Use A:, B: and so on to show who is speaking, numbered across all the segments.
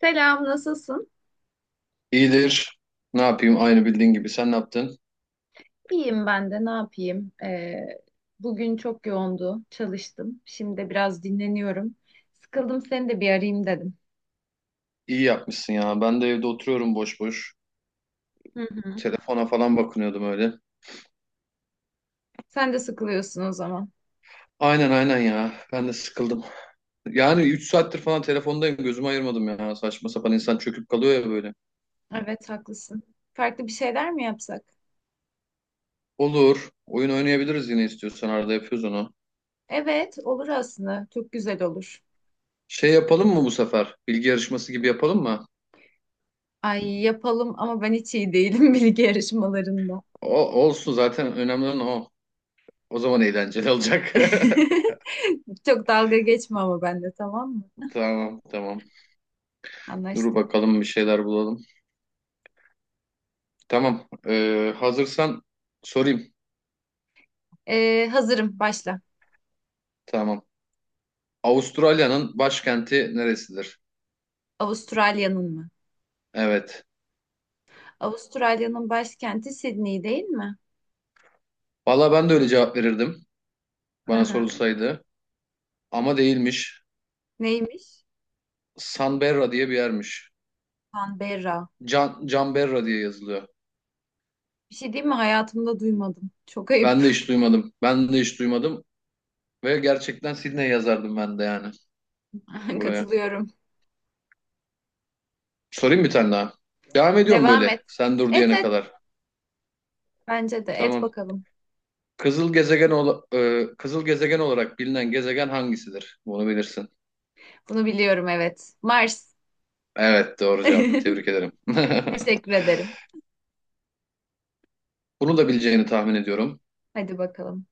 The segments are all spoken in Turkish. A: Selam, nasılsın?
B: İyidir. Ne yapayım? Aynı bildiğin gibi. Sen ne yaptın?
A: İyiyim ben de, ne yapayım? Bugün çok yoğundu, çalıştım. Şimdi de biraz dinleniyorum. Sıkıldım, seni de bir arayayım dedim.
B: İyi yapmışsın ya. Ben de evde oturuyorum boş boş.
A: Hı hı.
B: Telefona falan bakınıyordum öyle.
A: Sen de sıkılıyorsun o zaman.
B: Aynen aynen ya. Ben de sıkıldım. Yani 3 saattir falan telefondayım. Gözümü ayırmadım ya. Saçma sapan insan çöküp kalıyor ya böyle.
A: Evet, haklısın. Farklı bir şeyler mi yapsak?
B: Olur. Oyun oynayabiliriz yine istiyorsan. Arada yapıyoruz onu.
A: Evet, olur aslında. Çok güzel olur.
B: Şey yapalım mı bu sefer? Bilgi yarışması gibi yapalım mı?
A: Ay yapalım ama ben hiç iyi değilim bilgi yarışmalarında.
B: O, olsun zaten önemli olan o. O zaman eğlenceli olacak.
A: Çok dalga geçme ama benimle, tamam mı?
B: Tamam tamam. Dur
A: Anlaştık.
B: bakalım bir şeyler bulalım. Tamam. Hazırsan sorayım.
A: Hazırım, başla.
B: Tamam. Avustralya'nın başkenti neresidir?
A: Avustralya'nın mı?
B: Evet.
A: Avustralya'nın başkenti Sydney değil mi?
B: Valla ben de öyle cevap verirdim
A: Hı
B: bana
A: hı.
B: sorulsaydı. Ama değilmiş.
A: Neymiş?
B: Canberra diye bir yermiş.
A: Canberra.
B: Can, Canberra diye yazılıyor.
A: Bir şey değil mi? Hayatımda duymadım. Çok
B: Ben de
A: ayıp.
B: hiç duymadım. Ben de hiç duymadım. Ve gerçekten Sydney yazardım ben de yani buraya.
A: Katılıyorum.
B: Sorayım bir tane daha. Devam ediyorum
A: Devam et.
B: böyle. Sen dur
A: Et
B: diyene
A: et.
B: kadar.
A: Bence de et
B: Tamam.
A: bakalım.
B: Kızıl gezegen olarak bilinen gezegen hangisidir? Bunu bilirsin.
A: Bunu biliyorum, evet. Mars.
B: Evet, doğru cevap. Tebrik ederim.
A: Teşekkür ederim.
B: Bunu da bileceğini tahmin ediyorum.
A: Hadi bakalım.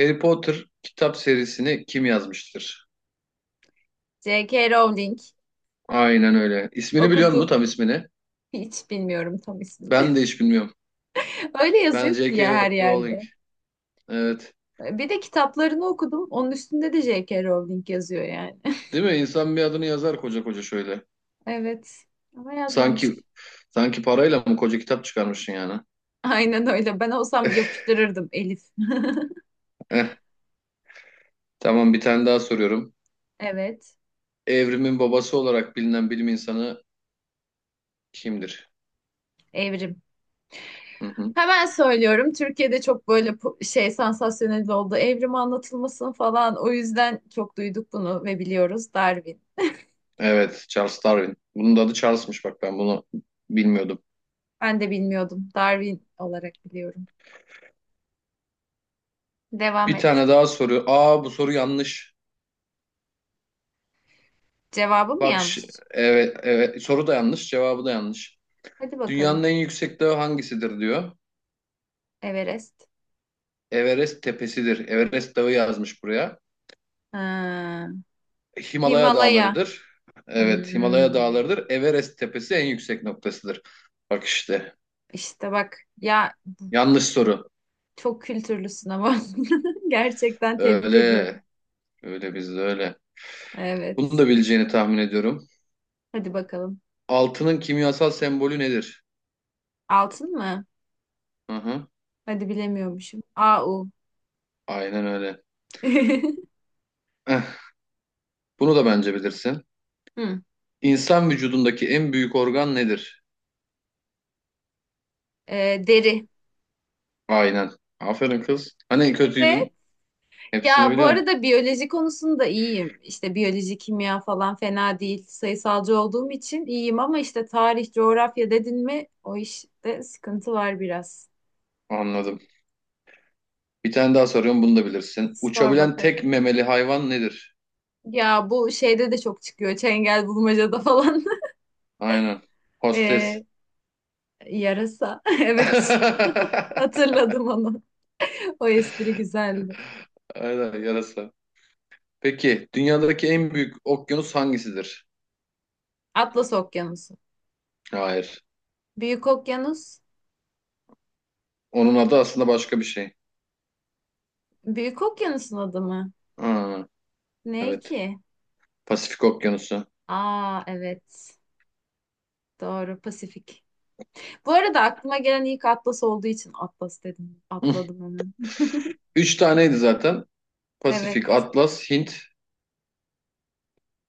B: Harry Potter kitap serisini kim yazmıştır?
A: J.K. Rowling.
B: Aynen öyle. İsmini biliyor musun,
A: Okudum.
B: tam ismini?
A: Hiç bilmiyorum tam
B: Ben
A: ismini.
B: de hiç bilmiyorum.
A: Öyle
B: Ben
A: yazıyor ki
B: J.K.
A: ya, her
B: Rowling.
A: yerde.
B: Evet.
A: Bir de kitaplarını okudum. Onun üstünde de J.K. Rowling yazıyor yani.
B: Değil mi? İnsan bir adını yazar koca koca şöyle.
A: Evet. Ama yazmamış.
B: Sanki sanki parayla mı koca kitap çıkarmışsın yani?
A: Aynen öyle. Ben olsam yapıştırırdım Elif.
B: Eh, tamam, bir tane daha soruyorum.
A: Evet.
B: Evrimin babası olarak bilinen bilim insanı kimdir?
A: Evrim.
B: Hı hı.
A: Hemen söylüyorum. Türkiye'de çok böyle şey, sansasyonel oldu. Evrim anlatılmasın falan. O yüzden çok duyduk bunu ve biliyoruz. Darwin.
B: Evet, Charles Darwin. Bunun da adı Charles'mış, bak ben bunu bilmiyordum.
A: Ben de bilmiyordum. Darwin olarak biliyorum. Devam
B: Bir
A: et.
B: tane daha soru. Aa, bu soru yanlış.
A: Cevabı mı
B: Bak
A: yanlış?
B: evet, evet, soru da yanlış, cevabı da yanlış.
A: Hadi
B: Dünyanın
A: bakalım.
B: en yüksek dağı hangisidir diyor.
A: Everest.
B: Everest tepesidir. Everest dağı yazmış buraya.
A: Ha.
B: Himalaya
A: Himalaya.
B: dağlarıdır. Evet, Himalaya
A: Hmm.
B: dağlarıdır. Everest tepesi en yüksek noktasıdır. Bak işte.
A: İşte bak ya,
B: Yanlış soru.
A: çok kültürlüsün ama gerçekten tebrik
B: Öyle.
A: ediyorum.
B: Öyle bizde, öyle. Bunu
A: Evet.
B: da bileceğini tahmin ediyorum.
A: Hadi bakalım.
B: Altının kimyasal sembolü nedir?
A: Altın mı?
B: Hı hı.
A: Hadi bilemiyormuşum. AU.
B: Aynen öyle. Eh, bunu da bence bilirsin.
A: Hı.
B: İnsan vücudundaki en büyük organ nedir?
A: Deri.
B: Aynen. Aferin kız. Hani
A: Evet.
B: kötüydün? Hepsini
A: Ya, bu
B: biliyorsun.
A: arada biyoloji konusunda iyiyim. İşte biyoloji, kimya falan fena değil. Sayısalcı olduğum için iyiyim ama işte tarih, coğrafya dedin mi, o işte sıkıntı var biraz.
B: Anladım. Bir tane daha soruyorum, bunu da bilirsin.
A: Sor
B: Uçabilen
A: bakalım.
B: tek memeli hayvan nedir?
A: Ya bu şeyde de çok çıkıyor. Çengel bulmacada falan.
B: Aynen. Hostes.
A: Ee, Yarasa. Evet. Hatırladım onu. O espri güzeldi.
B: Aynen, yarasa. Peki dünyadaki en büyük okyanus hangisidir?
A: Atlas Okyanusu.
B: Hayır.
A: Büyük Okyanus.
B: Onun adı aslında başka bir şey.
A: Büyük Okyanus'un adı mı?
B: Ha,
A: Ne
B: evet.
A: ki?
B: Pasifik Okyanusu.
A: Aa evet. Doğru, Pasifik. Bu arada aklıma gelen ilk Atlas olduğu için Atlas dedim. Atladım hemen.
B: Üç taneydi zaten.
A: Evet.
B: Pasifik, Atlas, Hint.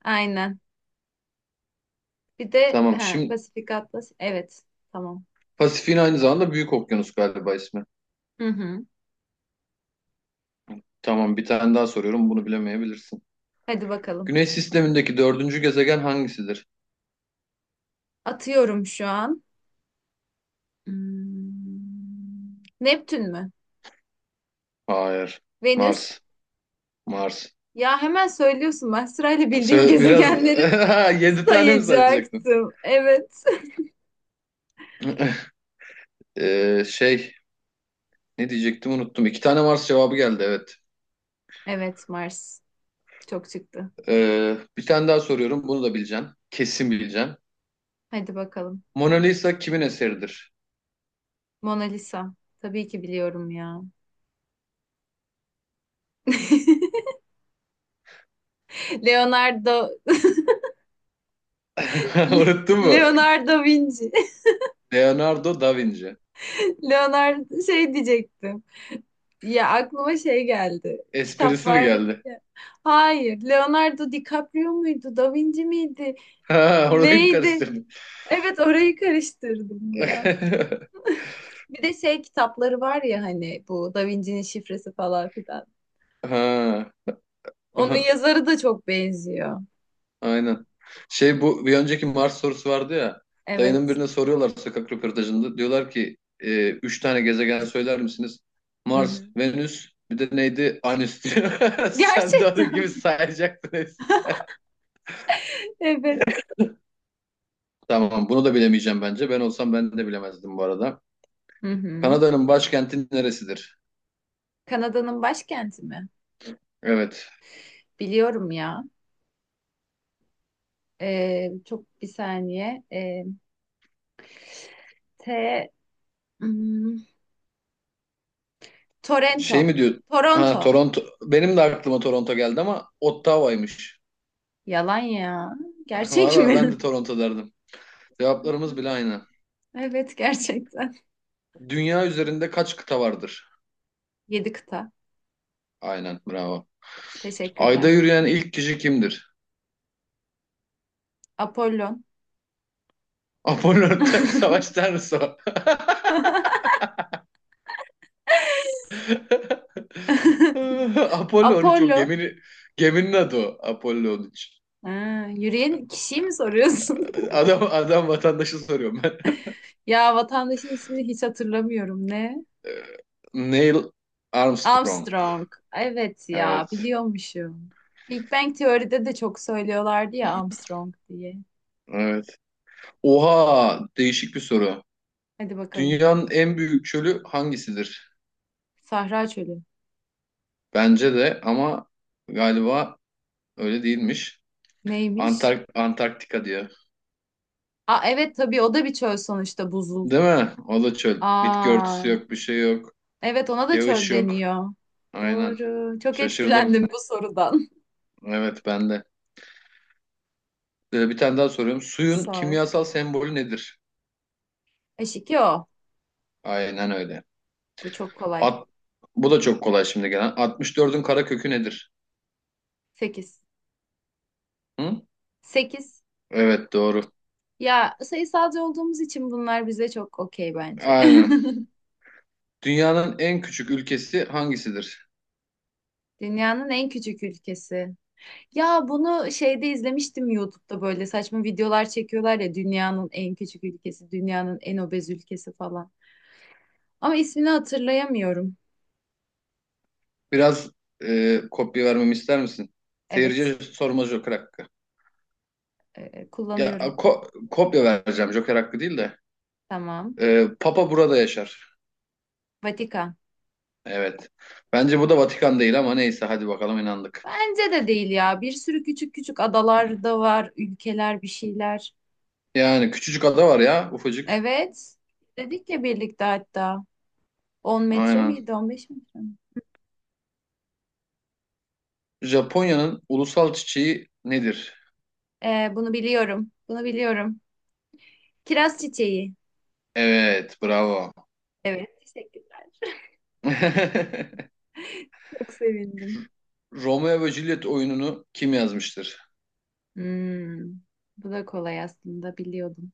A: Aynen. Bir de
B: Tamam.
A: he,
B: Şimdi
A: Pasifik Atlas. Evet. Tamam.
B: Pasifik'in aynı zamanda Büyük Okyanus galiba ismi.
A: Hı hı.
B: Tamam, bir tane daha soruyorum, bunu bilemeyebilirsin.
A: Hadi bakalım.
B: Güneş sistemindeki dördüncü gezegen hangisidir?
A: Atıyorum şu an. Hmm. Neptün mü?
B: Hayır.
A: Venüs.
B: Mars. Mars.
A: Ya hemen söylüyorsun, ben sırayla bildiğim
B: Biraz
A: gezegenleri
B: yedi tane mi sayacaktın?
A: sayacaktım. Evet.
B: Ee, şey Ne diyecektim, unuttum. İki tane Mars cevabı geldi, evet.
A: Evet, Mars çok çıktı.
B: Bir tane daha soruyorum, bunu da bileceksin. Kesin bileceksin.
A: Hadi bakalım.
B: Mona Lisa kimin eseridir?
A: Mona Lisa. Tabii ki biliyorum ya. Leonardo. Le-
B: Unuttun mu?
A: Leonardo da Vinci.
B: Leonardo da Vinci.
A: Leonardo şey diyecektim. Ya, aklıma şey geldi. Kitap
B: Esprisi mi
A: vardı
B: geldi?
A: ya. Hayır, Leonardo DiCaprio muydu? Da Vinci miydi?
B: Ha, orayı mı
A: Neydi?
B: karıştırdın?
A: Evet, orayı karıştırdım ya. Bir de şey kitapları var ya, hani bu Da Vinci'nin şifresi falan filan.
B: Ha,
A: Onun yazarı da çok benziyor.
B: aynen. Şey, bu bir önceki Mars sorusu vardı ya. Dayının
A: Evet.
B: birine soruyorlar sokak röportajında. Diyorlar ki üç tane gezegen söyler misiniz?
A: Hı
B: Mars,
A: hı.
B: Venüs, bir de neydi? Anüs diyor. Sen de
A: Gerçekten.
B: onun gibi sayacaktın hepsini.
A: Evet.
B: Tamam, bunu da bilemeyeceğim bence. Ben olsam ben de bilemezdim bu arada.
A: Hı hı.
B: Kanada'nın başkenti neresidir?
A: Kanada'nın başkenti mi?
B: Evet.
A: Biliyorum ya. Çok, bir saniye. T hmm,
B: Şey
A: Toronto.
B: mi diyor? Ha,
A: Toronto.
B: Toronto. Benim de aklıma Toronto geldi ama Ottawa'ymış.
A: Yalan ya. Gerçek
B: Valla ben de
A: mi?
B: Toronto derdim. Cevaplarımız bile aynı.
A: Evet, gerçekten.
B: Dünya üzerinde kaç kıta vardır?
A: Yedi kıta.
B: Aynen, bravo. Ayda
A: Teşekkürler.
B: yürüyen ilk kişi kimdir?
A: Apollon.
B: Apollo, Savaş Tanrısı o. Apollo 13 o
A: Apollo.
B: geminin, geminin adı o. Apollo 13.
A: Ha, yürüyen kişiyi mi soruyorsun?
B: Adam, adam vatandaşı soruyorum ben.
A: Ya, vatandaşın ismini hiç hatırlamıyorum. Ne?
B: Neil Armstrong.
A: Armstrong. Evet ya,
B: Evet.
A: biliyormuşum. Big Bang Teori'de de çok söylüyorlardı ya, Armstrong diye.
B: Evet. Oha, değişik bir soru.
A: Hadi bakalım.
B: Dünyanın en büyük çölü hangisidir?
A: Sahra çölü.
B: Bence de ama galiba öyle değilmiş.
A: Neymiş?
B: Antarktika diye.
A: Aa evet, tabii, o da bir çöl sonuçta, buzul.
B: Değil mi? O da çöl. Bitki örtüsü
A: Aa
B: yok, bir şey yok.
A: evet, ona da
B: Yağış
A: çöl
B: yok.
A: deniyor.
B: Aynen.
A: Doğru. Çok
B: Şaşırdım.
A: etkilendim bu sorudan.
B: Evet, ben de. Bir tane daha soruyorum. Suyun
A: Sor.
B: kimyasal sembolü nedir?
A: Eşik o.
B: Aynen öyle.
A: Bu çok kolay.
B: At, bu da çok kolay şimdi gelen. 64'ün kara kökü nedir?
A: 8.
B: Hı?
A: 8.
B: Evet, doğru.
A: Ya sayısalcı olduğumuz için bunlar bize çok okey bence.
B: Aynen. Dünyanın en küçük ülkesi hangisidir?
A: Dünyanın en küçük ülkesi. Ya bunu şeyde izlemiştim, YouTube'da böyle saçma videolar çekiyorlar ya, dünyanın en küçük ülkesi, dünyanın en obez ülkesi falan. Ama ismini hatırlayamıyorum.
B: Biraz kopya vermemi ister misin?
A: Evet,
B: Seyirciye sorma Joker hakkı. Ya
A: kullanıyorum.
B: kopya vereceğim Joker hakkı değil de.
A: Tamam.
B: Papa burada yaşar.
A: Vatikan.
B: Evet. Bence bu da Vatikan değil ama neyse hadi bakalım, inandık.
A: Bence de değil ya. Bir sürü küçük küçük adalar da var, ülkeler, bir şeyler.
B: Yani küçücük ada var ya, ufacık.
A: Evet. Dedik ya birlikte hatta. 10 metre
B: Aynen.
A: miydi, 15 metre mi?
B: Japonya'nın ulusal çiçeği nedir?
A: Bunu biliyorum. Bunu biliyorum. Kiraz çiçeği.
B: Evet, bravo.
A: Evet, teşekkürler. Çok sevindim.
B: Romeo ve Juliet oyununu kim yazmıştır?
A: Hmm, Bu da kolay, aslında biliyordum.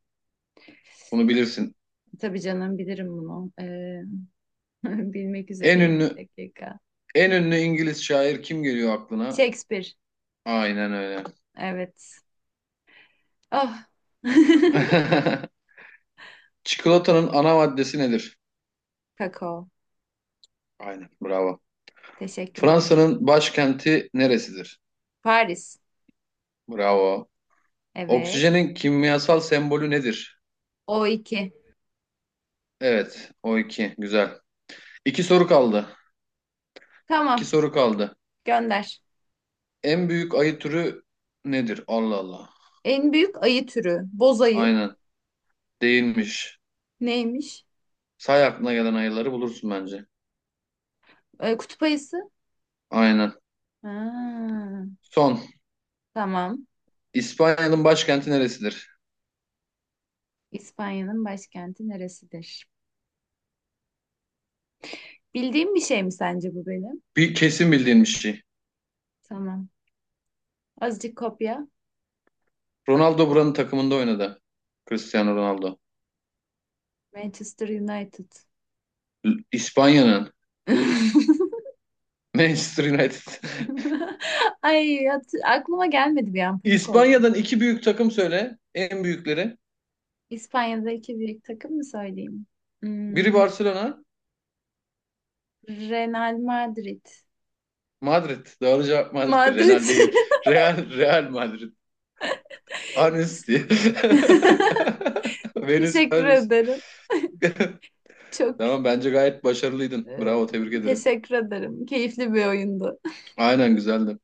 B: Bunu bilirsin.
A: Tabii canım, bilirim bunu. Bilmek
B: En
A: üzereyim, bir
B: ünlü
A: dakika.
B: en ünlü İngiliz şair kim geliyor aklına?
A: Shakespeare.
B: Aynen öyle.
A: Evet. Oh.
B: Çikolatanın ana maddesi nedir?
A: Kakao.
B: Aynen, bravo.
A: Teşekkürler.
B: Fransa'nın başkenti neresidir?
A: Paris.
B: Bravo.
A: Evet.
B: Oksijenin kimyasal sembolü nedir?
A: O2.
B: Evet, o iki. Güzel. İki soru kaldı. İki
A: Tamam.
B: soru kaldı.
A: Gönder.
B: En büyük ayı türü nedir? Allah Allah.
A: En büyük ayı türü. Boz ayı.
B: Aynen. Değilmiş.
A: Neymiş?
B: Say, aklına gelen ayıları bulursun bence.
A: Kutup ayısı.
B: Aynen.
A: Ha,
B: Son.
A: tamam.
B: İspanya'nın başkenti neresidir?
A: İspanya'nın başkenti neresidir? Bildiğim bir şey mi sence bu benim?
B: Bir kesin bildiğin bir şey.
A: Tamam. Azıcık kopya.
B: Ronaldo buranın takımında oynadı. Cristiano Ronaldo.
A: Manchester United.
B: İspanya'nın. Manchester United.
A: Ay aklıma gelmedi, bir an panik oldum.
B: İspanya'dan iki büyük takım söyle. En büyükleri.
A: İspanya'daki büyük takım mı söyleyeyim?
B: Biri
A: Hmm,
B: Barcelona.
A: Real Madrid.
B: Madrid. Doğru cevap Madrid'dir.
A: Madrid.
B: Real değil. Real, Real Madrid. Anüs diye. Venüs,
A: Teşekkür
B: Anüs.
A: ederim. Çok
B: Tamam, bence gayet başarılıydın.
A: e,
B: Bravo, tebrik ederim.
A: teşekkür ederim. Keyifli bir oyundu.
B: Aynen, güzeldi.